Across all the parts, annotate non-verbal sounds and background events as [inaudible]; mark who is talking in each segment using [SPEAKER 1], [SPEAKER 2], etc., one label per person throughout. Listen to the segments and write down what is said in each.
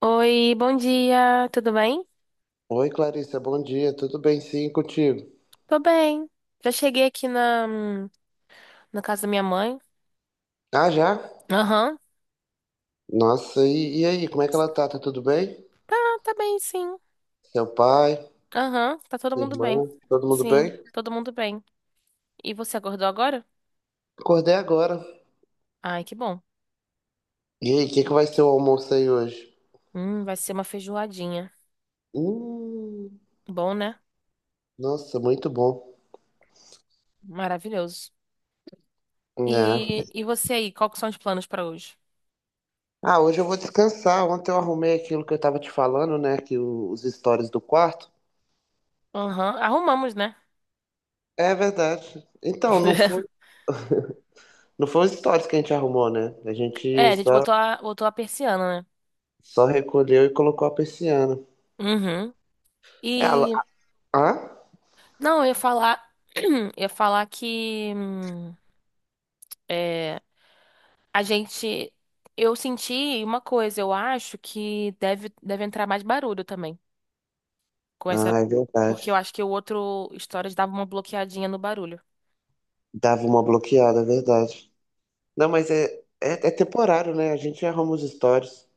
[SPEAKER 1] Oi, bom dia, tudo bem?
[SPEAKER 2] Oi, Clarissa, bom dia. Tudo bem, sim, contigo?
[SPEAKER 1] Tô bem. Já cheguei aqui na casa da minha mãe.
[SPEAKER 2] Ah, já?
[SPEAKER 1] Aham.
[SPEAKER 2] Nossa, e aí, como é que ela tá? Tá tudo bem?
[SPEAKER 1] Ah, tá bem, sim.
[SPEAKER 2] Seu pai,
[SPEAKER 1] Aham, tá todo
[SPEAKER 2] sua
[SPEAKER 1] mundo bem.
[SPEAKER 2] irmã, todo mundo
[SPEAKER 1] Sim,
[SPEAKER 2] bem?
[SPEAKER 1] todo mundo bem. E você acordou agora?
[SPEAKER 2] Acordei agora.
[SPEAKER 1] Ai, que bom.
[SPEAKER 2] E aí, o que que vai ser o almoço aí hoje?
[SPEAKER 1] Vai ser uma feijoadinha.
[SPEAKER 2] Hum,
[SPEAKER 1] Bom, né?
[SPEAKER 2] nossa, muito bom.
[SPEAKER 1] Maravilhoso.
[SPEAKER 2] É.
[SPEAKER 1] E você aí, qual que são os planos pra hoje?
[SPEAKER 2] Ah, hoje eu vou descansar. Ontem eu arrumei aquilo que eu tava te falando, né? Que os stories do quarto.
[SPEAKER 1] Aham, arrumamos, né?
[SPEAKER 2] É verdade. Então, não foi,
[SPEAKER 1] [laughs]
[SPEAKER 2] não foi os stories que a gente arrumou, né? A
[SPEAKER 1] É,
[SPEAKER 2] gente
[SPEAKER 1] a gente
[SPEAKER 2] só,
[SPEAKER 1] botou a persiana, né?
[SPEAKER 2] só recolheu e colocou a persiana.
[SPEAKER 1] Uhum.
[SPEAKER 2] Ela,
[SPEAKER 1] E,
[SPEAKER 2] hã?
[SPEAKER 1] não, eu ia falar, [clears throat] eu ia falar que. É, a gente. Eu senti uma coisa, eu acho que deve entrar mais barulho também. Com essa.
[SPEAKER 2] Ah, é
[SPEAKER 1] Porque eu
[SPEAKER 2] verdade.
[SPEAKER 1] acho que o outro Stories dava uma bloqueadinha no barulho.
[SPEAKER 2] Dava uma bloqueada, é verdade. Não, mas é temporário, né? A gente arruma os stories.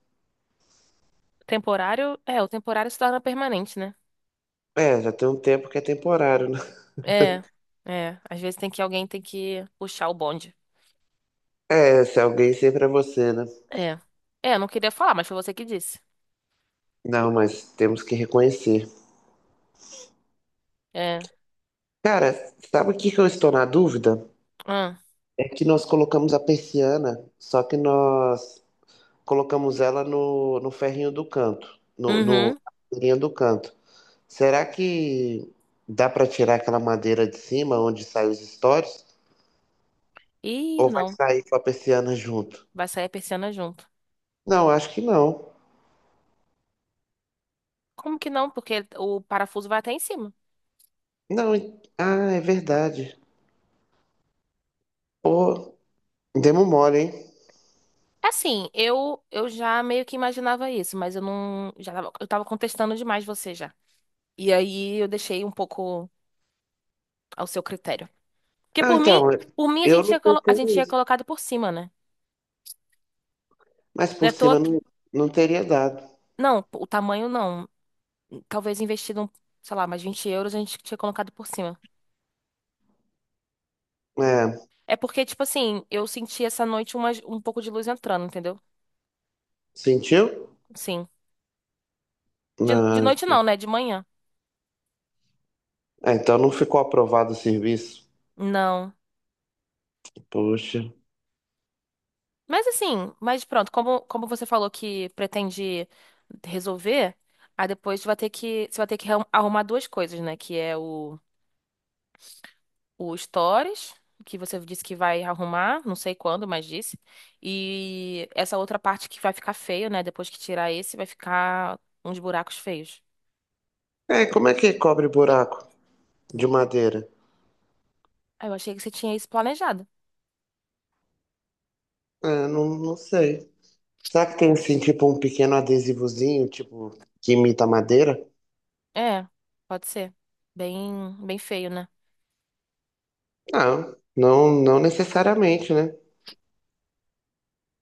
[SPEAKER 1] Temporário. É, o temporário se torna permanente, né?
[SPEAKER 2] É, já tem um tempo que é temporário, né? [laughs]
[SPEAKER 1] É. É. Às vezes tem que alguém tem que puxar o bonde.
[SPEAKER 2] É, se alguém sempre é você, né?
[SPEAKER 1] É. É, eu não queria falar, mas foi você que disse.
[SPEAKER 2] Não, mas temos que reconhecer.
[SPEAKER 1] É.
[SPEAKER 2] Cara, sabe o que que eu estou na dúvida?
[SPEAKER 1] Ah.
[SPEAKER 2] É que nós colocamos a persiana, só que nós colocamos ela no ferrinho do canto, no, no
[SPEAKER 1] Uhum.
[SPEAKER 2] na linha do canto. Será que dá para tirar aquela madeira de cima onde saem os stories?
[SPEAKER 1] Ih,
[SPEAKER 2] Ou vai
[SPEAKER 1] não.
[SPEAKER 2] sair com a persiana junto?
[SPEAKER 1] Vai sair a persiana junto.
[SPEAKER 2] Não, acho que não.
[SPEAKER 1] Como que não? Porque o parafuso vai até em cima.
[SPEAKER 2] Não, ah, é verdade. Pô, demos mole, hein?
[SPEAKER 1] Assim, eu já meio que imaginava isso, mas eu não já tava, eu tava contestando demais você já. E aí eu deixei um pouco ao seu critério. Porque
[SPEAKER 2] Não, então, é,
[SPEAKER 1] por mim
[SPEAKER 2] eu não
[SPEAKER 1] a
[SPEAKER 2] pensei
[SPEAKER 1] gente tinha
[SPEAKER 2] nisso.
[SPEAKER 1] colocado por cima, né?
[SPEAKER 2] Mas
[SPEAKER 1] Não é
[SPEAKER 2] por
[SPEAKER 1] à toa
[SPEAKER 2] cima
[SPEAKER 1] que-
[SPEAKER 2] não, não teria dado.
[SPEAKER 1] não, o tamanho não. Talvez investido, um, sei lá, mais 20 euros a gente tinha colocado por cima.
[SPEAKER 2] É,
[SPEAKER 1] É porque, tipo assim, eu senti essa noite um pouco de luz entrando, entendeu?
[SPEAKER 2] sentiu?
[SPEAKER 1] Sim. De
[SPEAKER 2] Não.
[SPEAKER 1] noite não, né? De manhã.
[SPEAKER 2] É, então não ficou aprovado o serviço.
[SPEAKER 1] Não.
[SPEAKER 2] Poxa.
[SPEAKER 1] Mas assim, mas pronto, como você falou que pretende resolver, aí depois você vai ter que arrumar duas coisas, né? Que é o Stories, que você disse que vai arrumar, não sei quando, mas disse. E essa outra parte que vai ficar feio, né? Depois que tirar esse, vai ficar uns buracos feios.
[SPEAKER 2] É, como é que cobre buraco de madeira?
[SPEAKER 1] Ah, eu achei que você tinha isso planejado.
[SPEAKER 2] É, não, não sei. Será que tem assim, tipo, um pequeno adesivozinho, tipo, que imita madeira?
[SPEAKER 1] É, pode ser. Bem, bem feio, né?
[SPEAKER 2] Não, não, não necessariamente, né?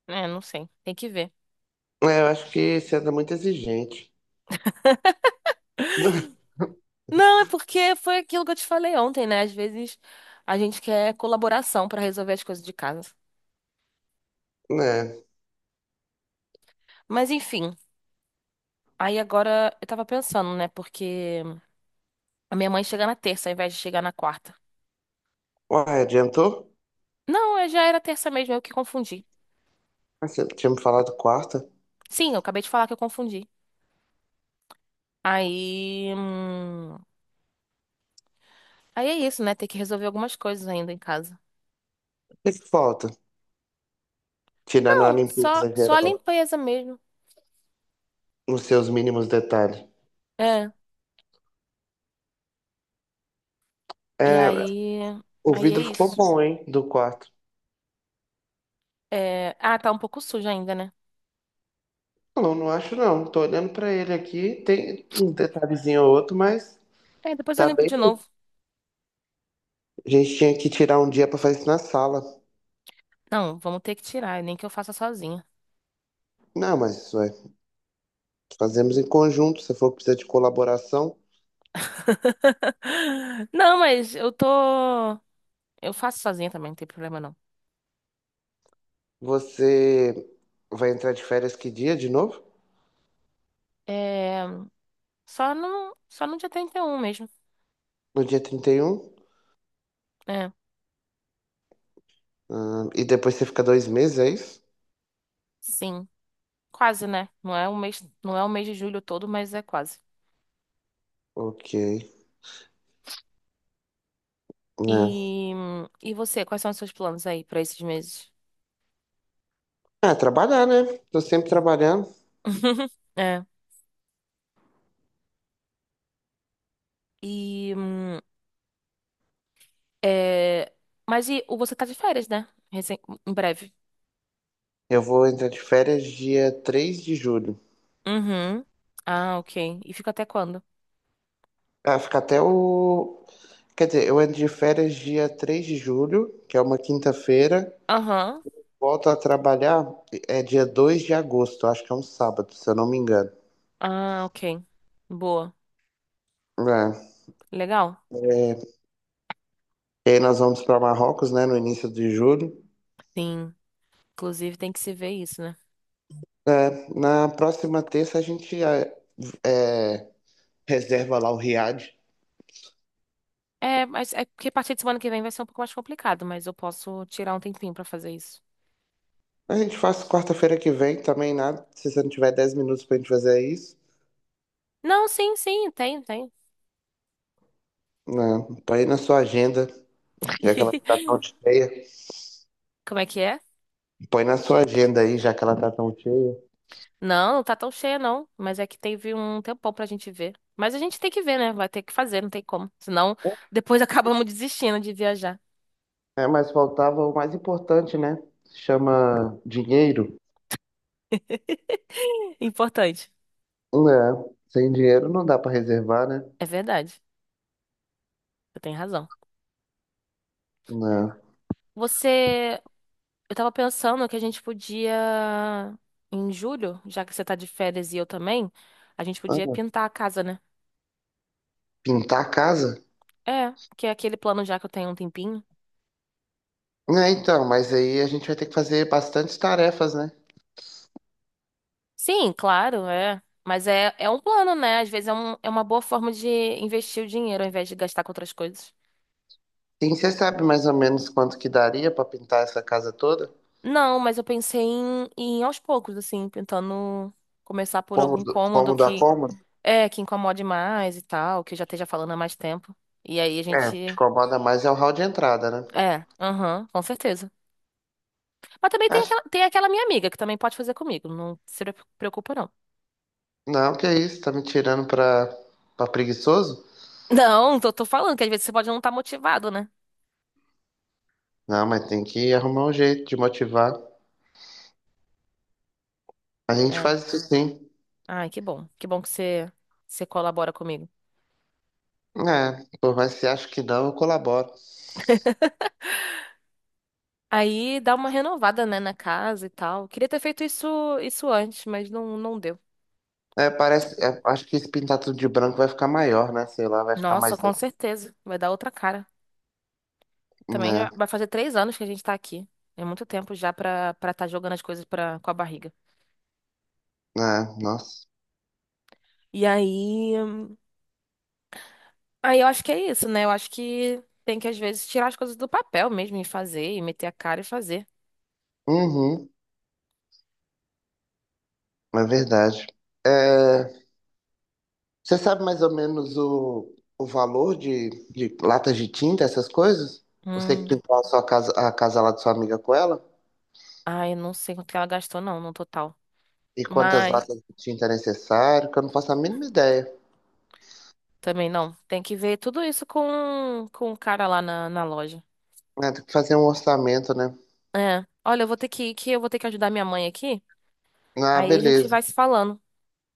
[SPEAKER 1] É, não sei. Tem que ver.
[SPEAKER 2] É, eu acho que você anda muito exigente. [laughs]
[SPEAKER 1] Não, é porque foi aquilo que eu te falei ontem, né? Às vezes a gente quer colaboração pra resolver as coisas de casa.
[SPEAKER 2] Né?
[SPEAKER 1] Mas enfim, aí agora eu tava pensando, né? Porque a minha mãe chega na terça ao invés de chegar na quarta.
[SPEAKER 2] Uai, adiantou?
[SPEAKER 1] Não, é- já era terça mesmo, eu que confundi.
[SPEAKER 2] Ah, você tinha me falado quarta? O
[SPEAKER 1] Sim, eu acabei de falar que eu confundi. Aí, hum, Aí é isso, né? Ter que resolver algumas coisas ainda em casa.
[SPEAKER 2] que que falta? Tirando a
[SPEAKER 1] Não,
[SPEAKER 2] limpeza
[SPEAKER 1] só a
[SPEAKER 2] geral,
[SPEAKER 1] limpeza mesmo.
[SPEAKER 2] nos seus mínimos detalhes.
[SPEAKER 1] É. E
[SPEAKER 2] É,
[SPEAKER 1] aí,
[SPEAKER 2] o
[SPEAKER 1] aí é
[SPEAKER 2] vidro ficou
[SPEAKER 1] isso.
[SPEAKER 2] bom, hein, do quarto.
[SPEAKER 1] É, ah, tá um pouco sujo ainda, né?
[SPEAKER 2] Não, não acho não. Tô olhando pra ele aqui, tem um detalhezinho ou outro, mas
[SPEAKER 1] É, depois eu
[SPEAKER 2] tá
[SPEAKER 1] limpo
[SPEAKER 2] bem.
[SPEAKER 1] de novo.
[SPEAKER 2] A gente tinha que tirar um dia pra fazer isso na sala.
[SPEAKER 1] Não, vamos ter que tirar, nem que eu faça sozinha.
[SPEAKER 2] Não, mas ué, fazemos em conjunto. Se for precisar de colaboração,
[SPEAKER 1] [laughs] Não, mas eu tô. Eu faço sozinha também, não tem problema não.
[SPEAKER 2] você vai entrar de férias que dia de novo?
[SPEAKER 1] É. Só no dia 31 mesmo.
[SPEAKER 2] No dia 31.
[SPEAKER 1] É,
[SPEAKER 2] E depois você fica 2 meses, é isso?
[SPEAKER 1] sim. Quase, né? Não é o mês de julho todo, mas é quase.
[SPEAKER 2] Ok. Né?
[SPEAKER 1] E, e você, quais são os seus planos aí pra esses meses?
[SPEAKER 2] Ah, trabalhar, né? Tô sempre trabalhando.
[SPEAKER 1] [laughs] É. E. É... Mas e o você tá de férias, né? Recen- Em breve.
[SPEAKER 2] Eu vou entrar de férias dia 3 de julho.
[SPEAKER 1] Uhum. Ah, ok. E fica até quando?
[SPEAKER 2] Ah, fica até o. Quer dizer, eu entro de férias dia 3 de julho, que é uma quinta-feira.
[SPEAKER 1] Aham.
[SPEAKER 2] Volto a trabalhar é dia 2 de agosto, acho que é um sábado, se eu não me engano.
[SPEAKER 1] Ah, ok. Boa.
[SPEAKER 2] É,
[SPEAKER 1] Legal.
[SPEAKER 2] é, e aí nós vamos para Marrocos, né, no início de julho.
[SPEAKER 1] Sim. Inclusive tem que se ver isso, né?
[SPEAKER 2] É, na próxima terça a gente é, reserva lá o Riad.
[SPEAKER 1] É, mas é porque a partir de semana que vem vai ser um pouco mais complicado, mas eu posso tirar um tempinho pra fazer isso.
[SPEAKER 2] A gente faz quarta-feira que vem também, nada. Se você não tiver 10 minutos pra gente fazer isso,
[SPEAKER 1] Não, sim, sim, tem, tem.
[SPEAKER 2] né? Põe na sua agenda, já que ela tá tão
[SPEAKER 1] [laughs]
[SPEAKER 2] cheia.
[SPEAKER 1] Como é que é?
[SPEAKER 2] Põe na sua agenda aí, já que ela tá tão cheia.
[SPEAKER 1] Não, não tá tão cheia, não. Mas é que teve um tempão pra gente ver. Mas a gente tem que ver, né? Vai ter que fazer, não tem como. Senão, depois [laughs] acabamos desistindo de viajar.
[SPEAKER 2] É, mas faltava o mais importante, né? Se chama dinheiro.
[SPEAKER 1] [laughs] Importante.
[SPEAKER 2] Não. Sem dinheiro não dá pra reservar, né?
[SPEAKER 1] É verdade. Você tem razão.
[SPEAKER 2] Não.
[SPEAKER 1] Você Eu tava pensando que a gente podia, em julho, já que você tá de férias e eu também, a gente podia
[SPEAKER 2] Ah,
[SPEAKER 1] pintar a casa, né?
[SPEAKER 2] pintar a casa?
[SPEAKER 1] É, que é aquele plano já que eu tenho há um tempinho.
[SPEAKER 2] É, então, mas aí a gente vai ter que fazer bastantes tarefas, né?
[SPEAKER 1] Sim, claro, é. Mas é, é um plano, né? Às vezes é uma boa forma de investir o dinheiro ao invés de gastar com outras coisas.
[SPEAKER 2] Sim, você sabe mais ou menos quanto que daria pra pintar essa casa toda?
[SPEAKER 1] Não, mas eu pensei em aos poucos, assim, pintando, começar por algum
[SPEAKER 2] Cômodo,
[SPEAKER 1] cômodo
[SPEAKER 2] como da
[SPEAKER 1] que
[SPEAKER 2] forma?
[SPEAKER 1] é, que incomode mais e tal, que eu já esteja falando há mais tempo. E aí a
[SPEAKER 2] É, o que te
[SPEAKER 1] gente.
[SPEAKER 2] incomoda mais é o hall de entrada, né?
[SPEAKER 1] É, aham, com certeza. Mas também
[SPEAKER 2] Acho-
[SPEAKER 1] tem aquela minha amiga que também pode fazer comigo. Não se preocupa, não.
[SPEAKER 2] Não, que é isso, tá me tirando pra, pra preguiçoso?
[SPEAKER 1] [laughs] Não, tô falando que às vezes você pode não estar motivado, né?
[SPEAKER 2] Não, mas tem que arrumar um jeito de motivar. A gente
[SPEAKER 1] É.
[SPEAKER 2] faz isso sim.
[SPEAKER 1] Ai, que bom. Que bom que você, você colabora comigo.
[SPEAKER 2] É, por mais que você ache que não, eu colaboro.
[SPEAKER 1] Aí dá uma renovada, né, na casa e tal. Queria ter feito isso antes, mas não, não deu.
[SPEAKER 2] É, parece, é, acho que esse pintar tudo de branco vai ficar maior, né? Sei lá, vai ficar
[SPEAKER 1] Nossa,
[SPEAKER 2] mais. Né,
[SPEAKER 1] com certeza. Vai dar outra cara. Também já
[SPEAKER 2] né,
[SPEAKER 1] vai fazer 3 anos que a gente tá aqui. É muito tempo já pra estar jogando as coisas pra, com a barriga.
[SPEAKER 2] é, nossa.
[SPEAKER 1] E aí. Aí eu acho que é isso, né? Eu acho que tem que, às vezes, tirar as coisas do papel mesmo e fazer, e meter a cara e fazer.
[SPEAKER 2] Uhum, é verdade. É, você sabe mais ou menos o valor de latas de tinta, essas coisas? Você que
[SPEAKER 1] Hum.
[SPEAKER 2] pintou a sua casa, a casa lá de sua amiga com ela?
[SPEAKER 1] Ai, eu não sei quanto que ela gastou, não, no total.
[SPEAKER 2] E quantas
[SPEAKER 1] Mas
[SPEAKER 2] latas de tinta é necessário? Que eu não faço a mínima ideia.
[SPEAKER 1] também não. Tem que ver tudo isso com o cara lá na loja.
[SPEAKER 2] É, tem que fazer um orçamento, né?
[SPEAKER 1] É. Olha, eu vou ter que ir, que eu vou ter que ajudar minha mãe aqui.
[SPEAKER 2] Ah,
[SPEAKER 1] Aí a gente
[SPEAKER 2] beleza.
[SPEAKER 1] vai se falando.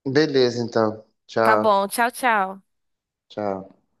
[SPEAKER 2] Beleza, então.
[SPEAKER 1] Tá
[SPEAKER 2] Tchau,
[SPEAKER 1] bom, tchau, tchau.
[SPEAKER 2] tchau.